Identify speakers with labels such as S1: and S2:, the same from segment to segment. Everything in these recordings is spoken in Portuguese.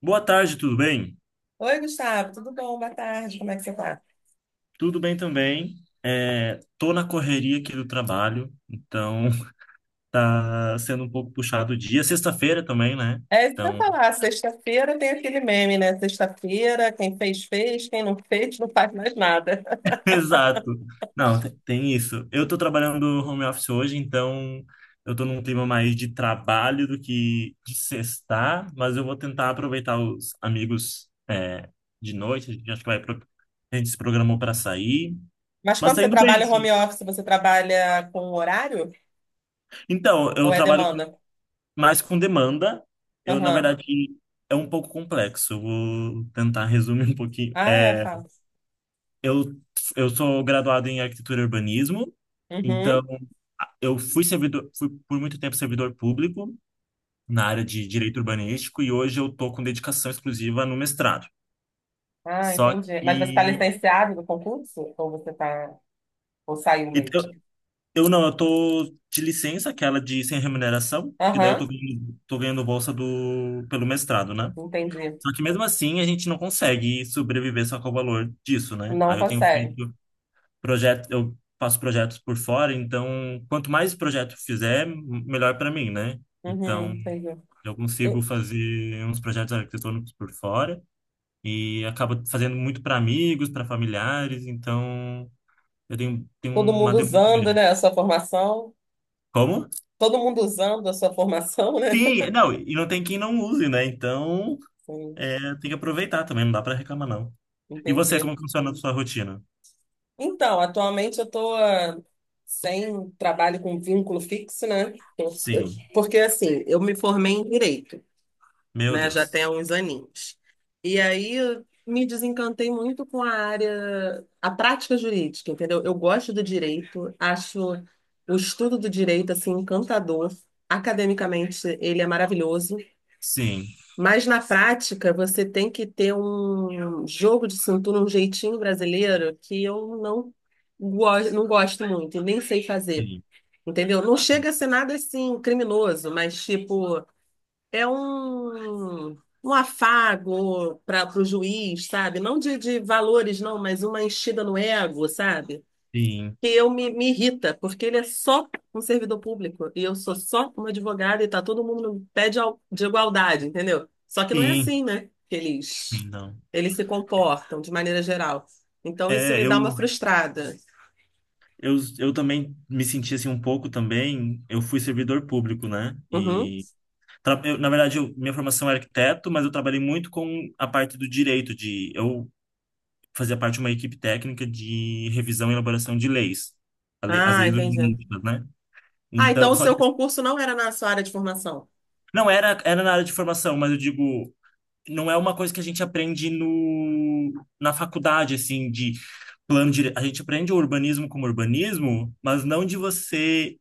S1: Boa tarde, tudo bem?
S2: Oi, Gustavo, tudo bom? Boa tarde, como é que você tá?
S1: Tudo bem também. É, tô na correria aqui do trabalho, então tá sendo um pouco puxado o dia. Sexta-feira também, né?
S2: É isso que eu ia
S1: Então,
S2: falar, sexta-feira tem aquele meme, né? Sexta-feira, quem fez, fez, quem não fez, não faz mais nada.
S1: exato. Não, tem isso. Eu tô trabalhando home office hoje, então eu tô num clima mais de trabalho do que de sextar, mas eu vou tentar aproveitar os amigos, de noite. A gente acho que A gente se programou para sair,
S2: Mas
S1: mas
S2: quando
S1: tá
S2: você
S1: indo bem,
S2: trabalha home
S1: sim.
S2: office, você trabalha com horário
S1: Então,
S2: ou
S1: eu
S2: é
S1: trabalho
S2: demanda?
S1: mas com demanda, eu, na
S2: Aham.
S1: verdade, é um pouco complexo. Vou tentar resumir um pouquinho.
S2: Ah, é, fala.
S1: Eu, eu sou graduado em arquitetura e urbanismo, então
S2: Uhum.
S1: eu fui servidor, fui por muito tempo servidor público na área de direito urbanístico e hoje eu tô com dedicação exclusiva no mestrado.
S2: Ah,
S1: Só
S2: entendi.
S1: que
S2: Mas você está licenciado do concurso? Ou você tá... Ou saiu
S1: e
S2: mesmo?
S1: eu, eu não, eu tô de licença, aquela de sem remuneração, porque daí eu
S2: Aham,
S1: tô ganhando bolsa do, pelo mestrado, né?
S2: entendi.
S1: Só que mesmo assim a gente não consegue sobreviver só com o valor disso, né?
S2: Não
S1: Aí eu tenho
S2: consegue.
S1: feito projetos, eu faço projetos por fora, então quanto mais projeto fizer, melhor para mim, né?
S2: Uhum,
S1: Então
S2: entendi.
S1: eu consigo fazer uns projetos arquitetônicos por fora e acabo fazendo muito para amigos, para familiares, então eu tenho
S2: Todo
S1: uma
S2: mundo
S1: demanda
S2: usando,
S1: grande.
S2: né, a sua formação.
S1: Como?
S2: Todo mundo usando a sua formação, né?
S1: Sim, não, e não tem quem não use, né? Então
S2: Sim,
S1: é, tem que aproveitar também, não dá para reclamar, não. E você,
S2: entendi.
S1: como funciona a sua rotina?
S2: Então, atualmente eu estou sem trabalho com vínculo fixo, né? Eu- eu-
S1: Sim.
S2: Porque assim, eu me formei em direito,
S1: Meu
S2: né? Já
S1: Deus.
S2: tem uns aninhos. E aí eu me desencantei muito com a área, a prática jurídica, entendeu? Eu gosto do direito, acho o estudo do direito assim encantador. Academicamente, ele é maravilhoso.
S1: Sim,
S2: Mas na prática, você tem que ter um jogo de cintura, um jeitinho brasileiro que eu não, go não gosto muito, nem sei fazer,
S1: sim,
S2: entendeu? Não chega a ser nada assim criminoso, mas tipo, é um afago para o juiz, sabe? Não de valores, não, mas uma enchida no ego, sabe?
S1: sim,
S2: Que me irrita, porque ele é só um servidor público e eu sou só uma advogada e tá todo mundo no pé de igualdade, entendeu? Só que não é
S1: sim,
S2: assim, né? Que eles,
S1: sim, não.
S2: eles se comportam de maneira geral. Então isso
S1: É,
S2: me
S1: eu,
S2: dá uma frustrada.
S1: eu também me senti assim um pouco também. Eu fui servidor público, né?
S2: Uhum.
S1: E tra- eu, na verdade, eu- minha formação é arquiteto, mas eu trabalhei muito com a parte do direito de eu fazia parte de uma equipe técnica de revisão e elaboração de leis, as
S2: Ah,
S1: leis
S2: entendi.
S1: urbanísticas, né?
S2: Ah, então
S1: Então,
S2: o
S1: só
S2: seu
S1: que
S2: concurso não era na sua área de formação,
S1: não era era na área de formação, mas eu digo não é uma coisa que a gente aprende no, na faculdade, assim, de plano dire... A gente aprende o urbanismo como urbanismo, mas não de você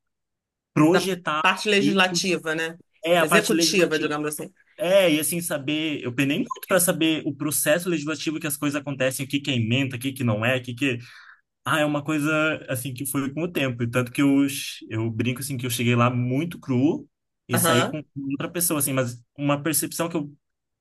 S2: da
S1: projetar
S2: parte
S1: isso.
S2: legislativa, né?
S1: É a parte
S2: Executiva,
S1: legislativa.
S2: digamos assim.
S1: É, e assim, saber. Eu penei muito para saber o processo legislativo que as coisas acontecem, o que que é emenda, o que que não é, o que que. É. Ah, é uma coisa, assim, que foi com o tempo. E tanto que eu brinco, assim, que eu cheguei lá muito cru e saí
S2: Aham.
S1: com outra pessoa, assim, mas uma percepção que eu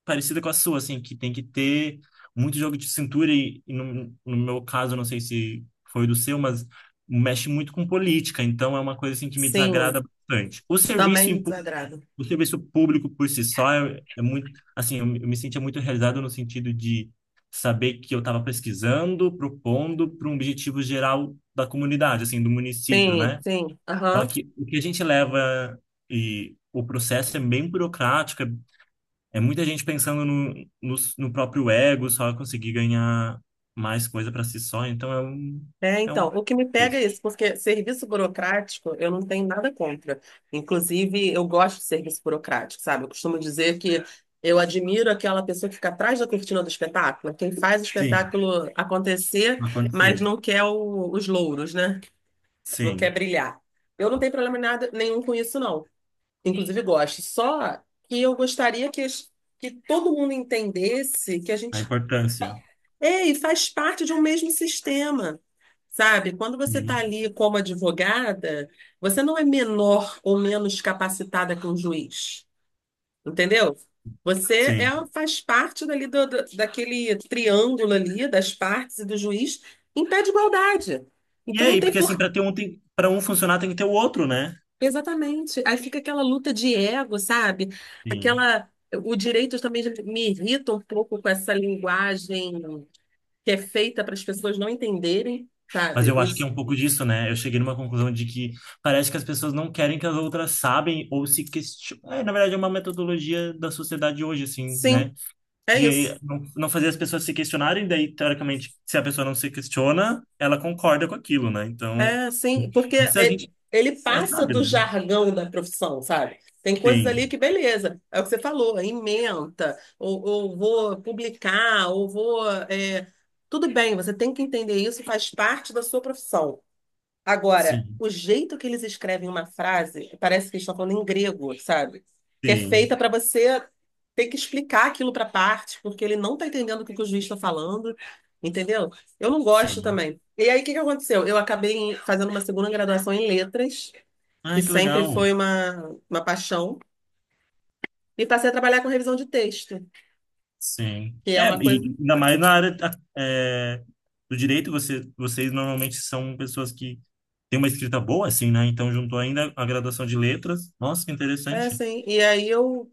S1: parecida com a sua, assim, que tem que ter muito jogo de cintura e no meu caso, não sei se foi do seu, mas mexe muito com política, então é uma coisa assim que me
S2: Sim,
S1: desagrada bastante.
S2: também desagrado.
S1: O serviço público por si só é muito, assim, eu me sentia muito realizado no sentido de saber que eu estava pesquisando, propondo para um objetivo geral da comunidade, assim, do município,
S2: Sim,
S1: né?
S2: sim.
S1: Só
S2: Aham.
S1: que o que a gente leva e o processo é bem burocrático, é muita gente pensando no próprio ego, só conseguir ganhar mais coisa para si só. Então
S2: É,
S1: é
S2: então,
S1: um
S2: o que me pega
S1: isso.
S2: é isso, porque serviço burocrático eu não tenho nada contra. Inclusive, eu gosto de serviço burocrático, sabe? Eu costumo dizer que eu admiro aquela pessoa que fica atrás da cortina do espetáculo, quem faz o
S1: Sim,
S2: espetáculo acontecer, mas
S1: acontecer.
S2: não quer os louros, né? Não quer
S1: Sim,
S2: brilhar. Eu não tenho problema nada, nenhum com isso, não. Inclusive, gosto. Só que eu gostaria que todo mundo entendesse que a
S1: a
S2: gente
S1: importância.
S2: é, e faz parte de um mesmo sistema, sabe? Quando você está
S1: Sim.
S2: ali como advogada, você não é menor ou menos capacitada que um juiz, entendeu? Você é,
S1: Sim.
S2: faz parte dali daquele triângulo ali, das partes e do juiz, em pé de igualdade.
S1: E
S2: Então
S1: é
S2: não
S1: aí,
S2: tem
S1: porque assim,
S2: por...
S1: para para um funcionar tem que ter o outro, né?
S2: Exatamente. Aí fica aquela luta de ego, sabe?
S1: Sim.
S2: Aquela... O direito também me irrita um pouco com essa linguagem que é feita para as pessoas não entenderem,
S1: Mas
S2: sabe?
S1: eu acho que é
S2: Isso.
S1: um pouco disso, né? Eu cheguei numa conclusão de que parece que as pessoas não querem que as outras sabem ou se questionem. É, na verdade, é uma metodologia da sociedade hoje, assim,
S2: Sim,
S1: né?
S2: é
S1: de
S2: isso.
S1: não fazer as pessoas se questionarem, daí, teoricamente, se a pessoa não se questiona, ela concorda com aquilo, né? Então,
S2: É, sim,
S1: isso a gente
S2: ele
S1: é,
S2: passa
S1: sabe,
S2: do
S1: né?
S2: jargão da profissão, sabe? Tem coisas ali
S1: Sim,
S2: que, beleza, é o que você falou, é ementa, ou vou publicar, ou vou. É, tudo bem, você tem que entender isso, faz parte da sua profissão. Agora,
S1: sim,
S2: o jeito que eles escrevem uma frase, parece que eles estão falando em grego, sabe? Que é feita
S1: sim,
S2: para você ter que explicar aquilo para parte, porque ele não está entendendo o que o juiz está falando, entendeu? Eu não gosto
S1: sim.
S2: também. E aí, o que que aconteceu? Eu acabei fazendo uma segunda graduação em letras, que
S1: Ai, que
S2: sempre
S1: legal.
S2: foi uma paixão, e passei a trabalhar com revisão de texto,
S1: Sim.
S2: que é
S1: É,
S2: uma coisa.
S1: e ainda mais na é, do direito, vocês normalmente são pessoas que têm uma escrita boa, assim, né? Então, juntou ainda a graduação de letras. Nossa, que
S2: É
S1: interessante.
S2: assim. E aí, eu.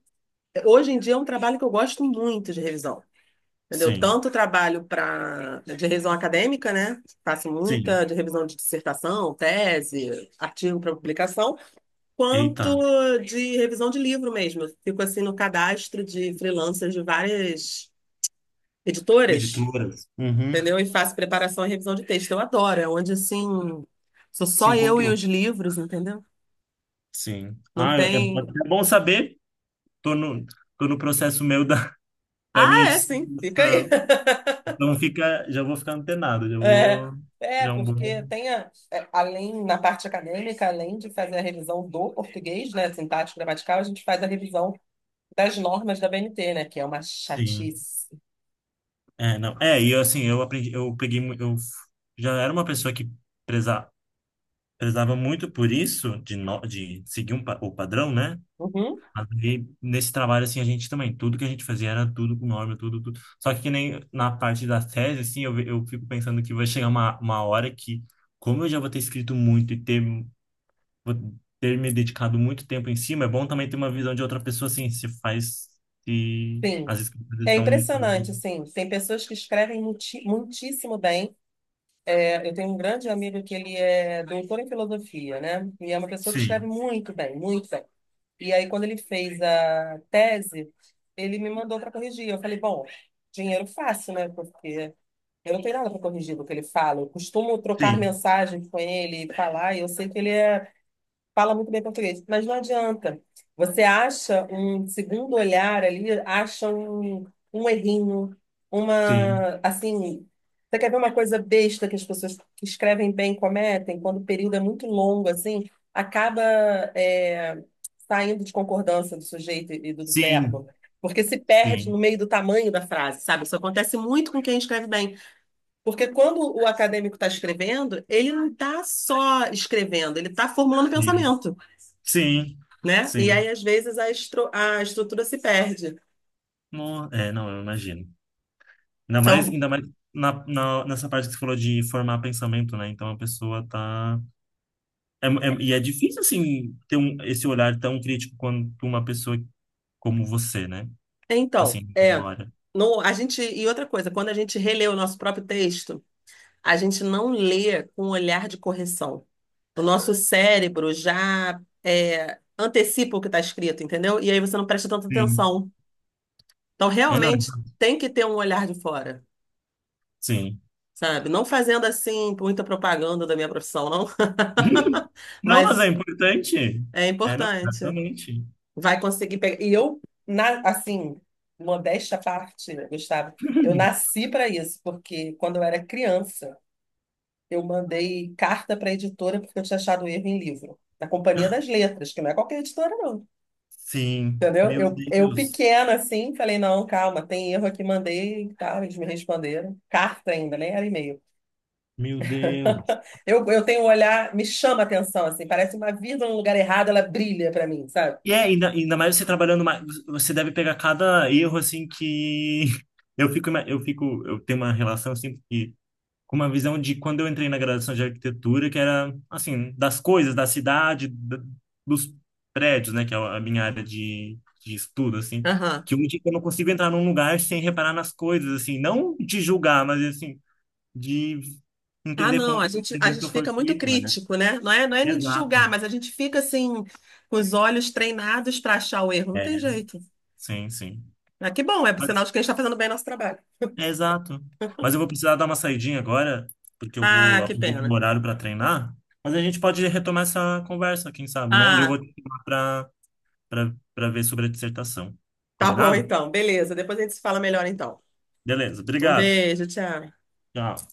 S2: Hoje em dia é um trabalho que eu gosto muito de revisão. Entendeu?
S1: Sim,
S2: Tanto trabalho para de revisão acadêmica, né? Faço
S1: sim.
S2: muita de revisão de dissertação, tese, artigo para publicação,
S1: Eita.
S2: quanto de revisão de livro mesmo. Eu fico assim no cadastro de freelancers de várias editoras,
S1: Editoras. Uhum.
S2: entendeu? E faço preparação e revisão de texto. Eu adoro, é onde assim sou
S1: Se
S2: só eu e
S1: encontrou.
S2: os livros, entendeu?
S1: Sim.
S2: Não
S1: Ah, é
S2: tem.
S1: é bom saber. Tô no, tô no processo meu da, da minha
S2: Ah, é sim, fica aí.
S1: dissertação. Então fica, já vou ficar antenado, já
S2: É,
S1: vou,
S2: é,
S1: já é um
S2: porque
S1: bom.
S2: tem a, é, além, na parte acadêmica, além de fazer a revisão do português, né, sintático, gramatical, a gente faz a revisão das normas da BNT, né, que é uma
S1: Sim.
S2: chatice.
S1: É, não. Eu aprendi, eu peguei, mu- eu f- já era uma pessoa que preza, prezava muito por isso de no, de seguir um, o padrão, né?
S2: Uhum,
S1: Mas aí, nesse trabalho, assim, a gente também, tudo que a gente fazia era tudo com norma, tudo, tudo. Só que nem na parte da tese, assim, eu fico pensando que vai chegar uma hora que, como eu já vou ter escrito muito e ter, vou ter me dedicado muito tempo em cima, é bom também ter uma visão de outra pessoa, assim, se faz, se
S2: sim.
S1: as escrituras
S2: É
S1: estão
S2: impressionante,
S1: fazendo...
S2: assim, tem pessoas que escrevem muitíssimo bem. É, eu tenho um grande amigo que ele é doutor em filosofia, né, e é uma pessoa que escreve
S1: Sim,
S2: muito bem, muito bem. E aí, quando ele fez a tese, ele me mandou para corrigir. Eu falei, bom, dinheiro fácil, né, porque eu não tenho nada para corrigir do que ele fala. Eu costumo trocar
S1: sim,
S2: mensagens com ele, e falar, e eu sei que fala muito bem português, mas não adianta. Você acha um segundo olhar ali, acha um errinho,
S1: sim,
S2: uma, assim, você quer ver uma coisa besta que as pessoas que escrevem bem cometem, quando o período é muito longo, assim, acaba é, saindo de concordância do sujeito e do verbo, porque se perde no
S1: sim,
S2: meio do tamanho da frase, sabe? Isso acontece muito com quem escreve bem. Porque quando o acadêmico está escrevendo, ele não está só escrevendo, ele está formulando
S1: sim,
S2: pensamento,
S1: sim,
S2: né? E
S1: sim,
S2: aí,
S1: sim.
S2: às vezes, a estrutura se perde.
S1: Não, eu imagino.
S2: Então,
S1: Ainda mais na, nessa parte que você falou de formar pensamento, né? Então a pessoa tá. E é difícil, assim, ter esse olhar tão crítico quanto uma pessoa como você, né?
S2: então
S1: Assim, na
S2: é,
S1: hora.
S2: no, a gente, e outra coisa, quando a gente relê o nosso próprio texto, a gente não lê com um olhar de correção. O nosso cérebro já antecipa o que está escrito, entendeu? E aí você não presta tanta
S1: Sim.
S2: atenção. Então,
S1: É, não, é,
S2: realmente, tem que ter um olhar de fora.
S1: sim.
S2: Sabe? Não fazendo assim muita propaganda da minha profissão, não.
S1: Não, mas é
S2: Mas
S1: importante.
S2: é
S1: É, não,
S2: importante.
S1: exatamente.
S2: Vai conseguir pegar. E eu, assim, modéstia à parte, né, Gustavo, eu nasci para isso, porque quando eu era criança, eu mandei carta para a editora porque eu tinha achado erro em livro, na Companhia das Letras, que não é qualquer editora, não.
S1: Sim,
S2: Entendeu? Eu pequena, assim, falei, não, calma, tem erro aqui, mandei e tal, eles me responderam. Carta ainda, nem era e-mail.
S1: Meu Deus.
S2: Eu tenho um olhar, me chama a atenção, assim, parece uma vírgula no lugar errado, ela brilha pra mim, sabe?
S1: Ainda mais você trabalhando mais, você deve pegar cada erro assim que eu fico, eu tenho uma relação assim que com uma visão de quando eu entrei na graduação de arquitetura, que era, assim, das coisas, da cidade, dos prédios, né, que é a minha área de estudo, assim,
S2: Aham.
S1: que hoje eu não consigo entrar num lugar sem reparar nas coisas, assim, não de julgar, mas, assim, de
S2: Ah,
S1: entender
S2: não,
S1: como que a
S2: a
S1: dinâmica
S2: gente
S1: foi
S2: fica muito
S1: feita, né?
S2: crítico, né? Não é nem de
S1: Exato.
S2: julgar, mas a gente fica assim, com os olhos treinados para achar o erro. Não
S1: É,
S2: tem jeito.
S1: sim.
S2: Ah, que bom, é
S1: Mas,
S2: sinal de que a gente está fazendo bem nosso trabalho.
S1: é exato. Mas eu vou precisar dar uma saidinha agora, porque eu
S2: Ah,
S1: vou
S2: que
S1: aproveitar o
S2: pena.
S1: horário para treinar. Mas a gente pode retomar essa conversa, quem sabe, né? E eu vou
S2: Ah,
S1: te chamar para para ver sobre a dissertação.
S2: tá bom
S1: Combinado?
S2: então, beleza. Depois a gente se fala melhor então.
S1: Beleza,
S2: Um
S1: obrigado.
S2: beijo, tchau.
S1: Tchau.